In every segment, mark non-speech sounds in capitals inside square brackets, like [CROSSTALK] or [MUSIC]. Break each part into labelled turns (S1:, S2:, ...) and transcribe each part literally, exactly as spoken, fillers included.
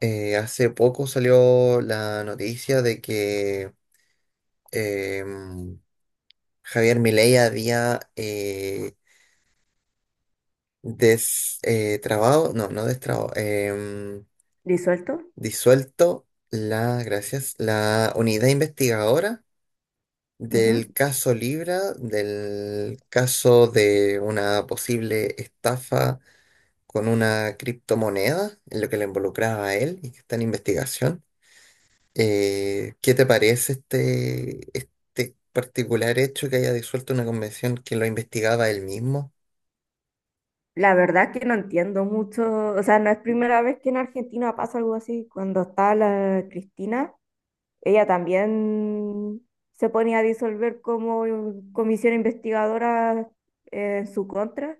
S1: Eh, hace poco salió la noticia de que em, Javier Milei había eh, des- eh, trabado, no, no destrabado, em,
S2: Disuelto.
S1: disuelto la, gracias, la unidad investigadora
S2: Ujú.
S1: del caso Libra, del caso de una posible estafa con una criptomoneda, en lo que le involucraba a él y que está en investigación. Eh, ¿qué te parece este, este particular hecho que haya disuelto una convención que lo investigaba él mismo,
S2: La verdad que no entiendo mucho, o sea, no es primera vez que en Argentina pasa algo así. Cuando estaba la Cristina, ella también se ponía a disolver como comisión investigadora eh, en su contra.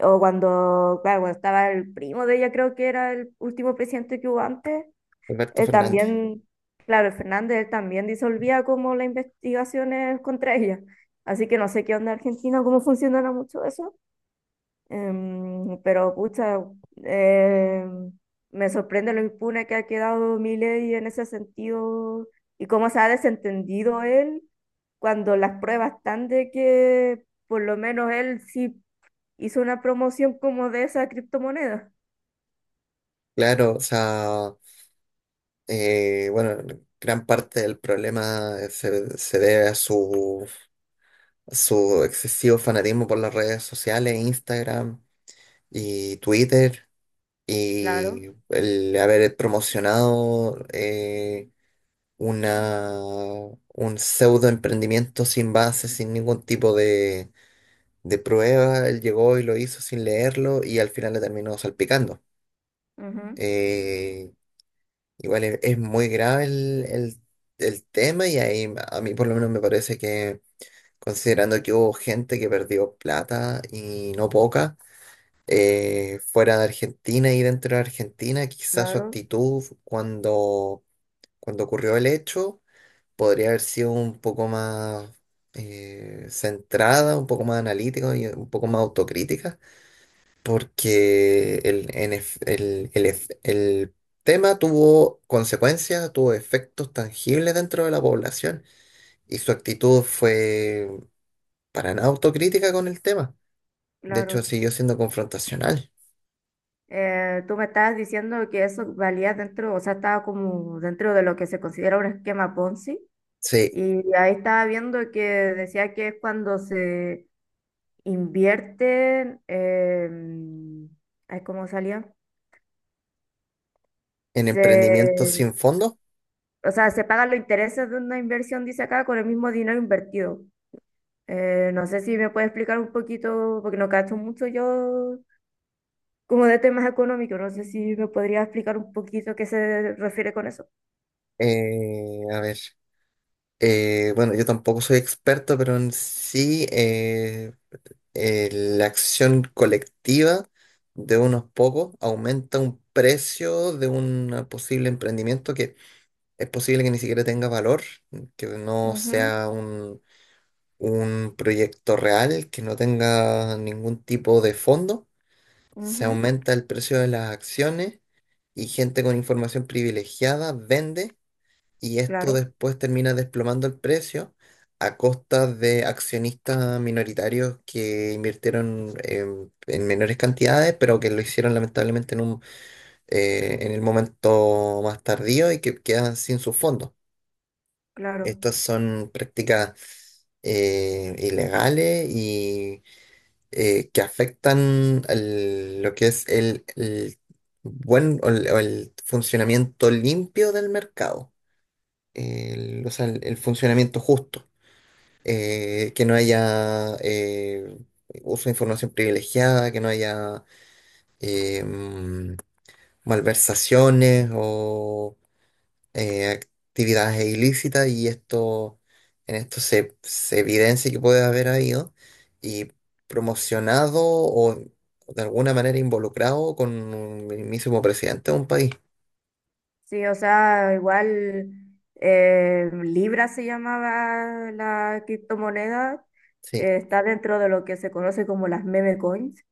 S2: O cuando, claro, cuando estaba el primo de ella, creo que era el último presidente que hubo antes,
S1: Alberto
S2: él
S1: Fernández?
S2: también, claro, el Fernández, él también disolvía como las investigaciones contra ella. Así que no sé qué onda en Argentina, cómo funcionará mucho eso. Em, pero pucha, eh, me sorprende lo impune que ha quedado Milei en ese sentido y cómo se ha desentendido él cuando las pruebas están de que por lo menos él sí hizo una promoción como de esa criptomoneda.
S1: Claro, o sea, eh, bueno, gran parte del problema se, se debe a su, a su excesivo fanatismo por las redes sociales, Instagram y Twitter,
S2: Claro,
S1: y el haber promocionado eh, una, un pseudo emprendimiento sin base, sin ningún tipo de de prueba, él llegó y lo hizo sin leerlo y al final le terminó salpicando.
S2: ujú,
S1: Eh, igual es, es muy grave el, el- el tema y ahí a mí por lo menos me parece que considerando que hubo gente que perdió plata y no poca, eh, fuera de Argentina y dentro de Argentina, quizás su
S2: claro,
S1: actitud cuando, cuando ocurrió el hecho podría haber sido un poco más eh, centrada, un poco más analítica y un poco más autocrítica porque el, N F el, el ef- el tema tuvo consecuencias, tuvo efectos tangibles dentro de la población y su actitud fue para nada autocrítica con el tema. De hecho,
S2: claro.
S1: siguió siendo confrontacional.
S2: Eh, tú me estabas diciendo que eso valía dentro, o sea, estaba como dentro de lo que se considera un esquema Ponzi.
S1: Sí,
S2: Y ahí estaba viendo que decía que es cuando se invierten, em, ay, ¿cómo salió?
S1: en emprendimientos
S2: Se,
S1: sin fondo.
S2: o sea, se pagan los intereses de una inversión, dice acá, con el mismo dinero invertido. Eh, no sé si me puede explicar un poquito, porque no cacho mucho yo como de temas económicos, no sé si me podría explicar un poquito qué se refiere con eso.
S1: eh, a ver, eh, bueno, yo tampoco soy experto, pero en sí eh, eh, la acción colectiva de unos pocos aumenta un precio de un posible emprendimiento que es posible que ni siquiera tenga valor, que no
S2: Ujú,
S1: sea un, un proyecto real, que no tenga ningún tipo de fondo. Se
S2: ujú,
S1: aumenta el precio de las acciones y gente con información privilegiada vende y esto
S2: claro,
S1: después termina desplomando el precio a costa de accionistas minoritarios que invirtieron eh, en menores cantidades, pero que lo hicieron lamentablemente en un, eh, en el momento más tardío y que quedan sin sus fondos.
S2: claro.
S1: Estas son prácticas eh, ilegales y eh, que afectan al- lo que es el, el buen o el o el funcionamiento limpio del mercado el, o sea, el, el funcionamiento justo. Eh, que no haya eh, uso de información privilegiada, que no haya eh, mm, malversaciones o eh, actividades ilícitas y esto en esto se, se evidencia que puede haber habido y promocionado o de alguna manera involucrado con un mismísimo presidente de un país.
S2: Sí, o sea, igual eh, Libra se llamaba la criptomoneda,
S1: Sí,
S2: eh, está dentro de lo que se conoce como las meme coins.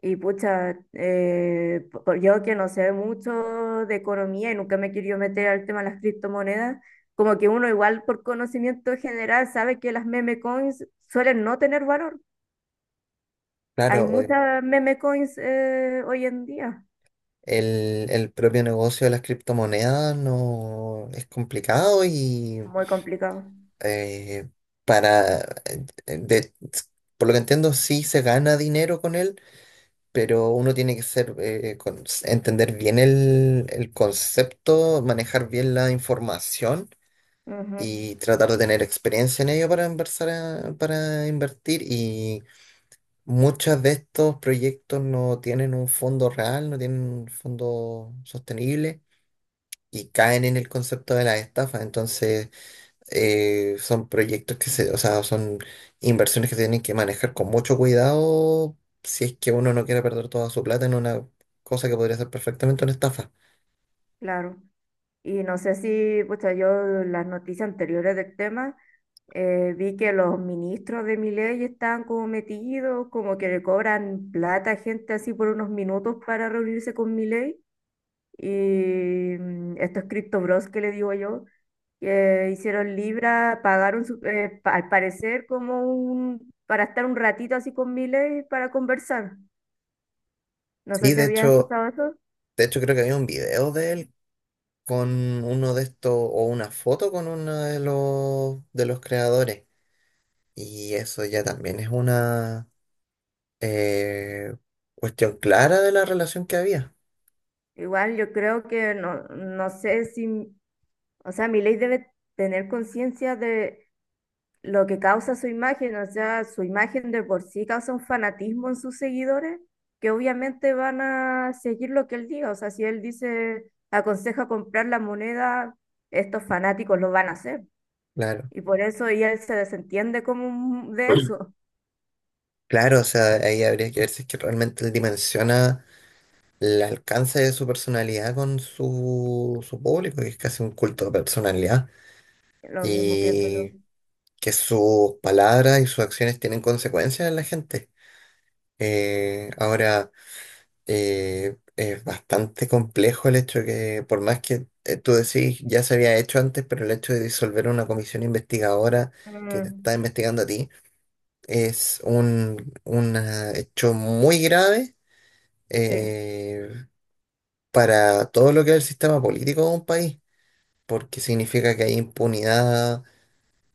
S2: Y pucha, eh, po- po- yo que no sé mucho de economía y nunca me he querido meter al tema de las criptomonedas, como que uno igual por conocimiento general sabe que las meme coins suelen no tener valor. Hay
S1: claro. eh,
S2: muchas meme coins eh, hoy en día.
S1: El, el propio negocio de las criptomonedas no es complicado y
S2: Muy complicado.
S1: eh, para, eh, eh, de- por lo que entiendo, sí se gana dinero con él, pero uno tiene que ser, eh, con- entender bien el, el concepto, manejar bien la información
S2: Ujú,
S1: y tratar de tener experiencia en ello para inversar, a- para invertir. Y muchos de estos proyectos no tienen un fondo real, no tienen un fondo sostenible y caen en el concepto de la estafa. Entonces eh, son proyectos que se, o sea, son inversiones que se tienen que manejar con mucho cuidado si es que uno no quiere perder toda su plata en una cosa que podría ser perfectamente una estafa.
S2: claro. Y no sé si, pues yo las noticias anteriores del tema, eh, vi que los ministros de Milei estaban como metidos, como que le cobran plata a gente así por unos minutos para reunirse con Milei. Y mm, estos cripto bros que le digo yo, que hicieron Libra, pagaron su- eh, pa- al parecer como un, para estar un ratito así con Milei para conversar. No sé
S1: Sí,
S2: si
S1: de
S2: habías
S1: hecho,
S2: escuchado eso.
S1: de hecho creo que había un video de él con uno de estos, o una foto con uno de los de los creadores. Y eso ya también es una eh, cuestión clara de la relación que había.
S2: Igual yo creo que no, no sé si, o sea, mi debe tener conciencia de lo que causa su imagen, o sea, su imagen de por sí causa un fanatismo en sus seguidores, que obviamente van a seguir lo que él diga. O sea, si él dice, aconseja comprar la moneda, estos fanáticos lo van a hacer.
S1: Claro. [CLEARS THROAT]
S2: Y por eso y él se desentiende como un- de eso.
S1: Claro, o sea, ahí habría que ver si es que realmente él dimensiona el alcance de su personalidad con su, su público, que es casi un culto de personalidad,
S2: Lo mismo pienso yo.
S1: y que sus palabras y sus acciones tienen consecuencias en la gente. Eh, ahora, eh, es bastante complejo el hecho de que, por más que eh, tú decís, ya se había hecho antes, pero el hecho de disolver una comisión investigadora que te está
S2: Mm,
S1: investigando a ti es un, un ah, hecho muy grave.
S2: sí.
S1: eh, para todo lo que es el sistema político de un país, porque significa que hay impunidad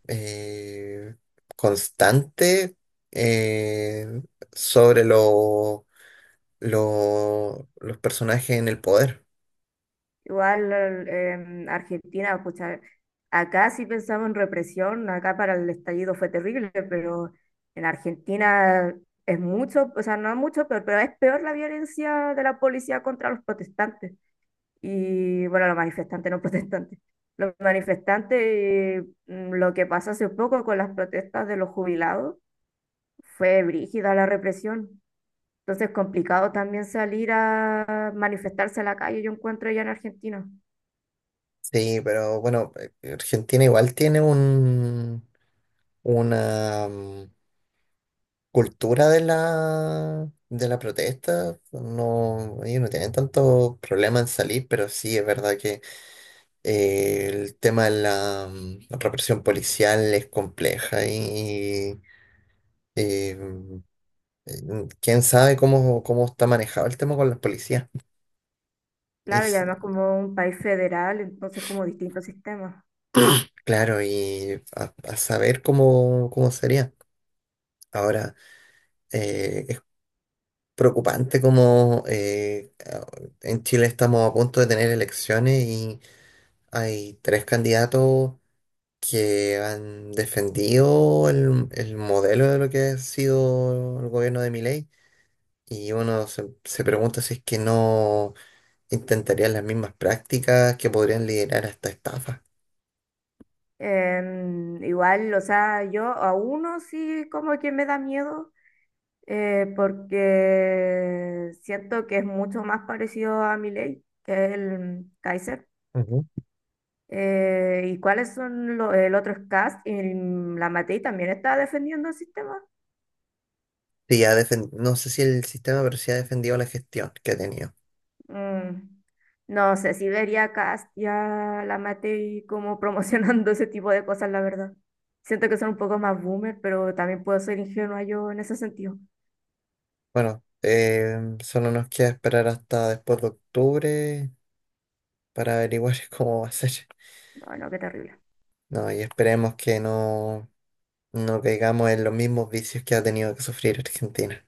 S1: eh, constante eh, sobre lo- lo- los personajes en el poder.
S2: Igual em, Argentina, pucha, acá sí pensamos en represión, acá para el estallido fue terrible, pero en Argentina es mucho, o sea, no mucho, pero, pero es peor la violencia de la policía contra los protestantes y, bueno, los manifestantes, no [LAUGHS] protestantes. Los manifestantes, eh, mm, lo que pasó hace poco con las protestas de los jubilados, fue brígida la represión. Entonces, complicado también salir a manifestarse a la calle, yo encuentro ya en Argentina.
S1: Sí, pero bueno, eh, Argentina igual tiene un, una mm, cultura de la, de la protesta. No, ellos no tienen tanto problema en salir, pero sí es verdad que eh, el tema de la mm, represión policial es compleja y Eh, eh, quién sabe cómo, cómo está manejado el tema con las policías. Y
S2: Claro, y
S1: si-
S2: además como un país federal, entonces como distintos sistemas.
S1: claro, y a, a saber cómo, cómo sería. Ahora, eh, es preocupante como eh, a- en Chile estamos a punto de tener elecciones y hay tres candidatos que han defendido el, el modelo de lo que ha sido el gobierno de Milei. Y uno se, se pregunta si es que no intentarían las mismas prácticas que podrían liderar hasta estafas.
S2: Em, igual, o sea, yo a uno sí como que me da miedo, eh, porque siento que es mucho más parecido a Milei que el Kaiser.
S1: Ujú.
S2: Eh, ¿y cuáles son los, el otro es Kast y la Matei también está defendiendo el sistema?
S1: Sí, ha defen- no sé si el sistema, pero sí ha defendido la gestión que ha tenido.
S2: Mm, no sé, si vería Cast ya la maté y como promocionando [LAUGHS] ese tipo de cosas, la verdad. Siento que son un poco más boomer, pero también puedo ser ingenua yo en ese sentido.
S1: Bueno, eh, solo nos queda esperar hasta después de octubre para averiguar [LAUGHS] cómo va a ser.
S2: No, no, qué terrible.
S1: No, y esperemos que no, no caigamos en los mismos vicios que ha tenido que sufrir Argentina.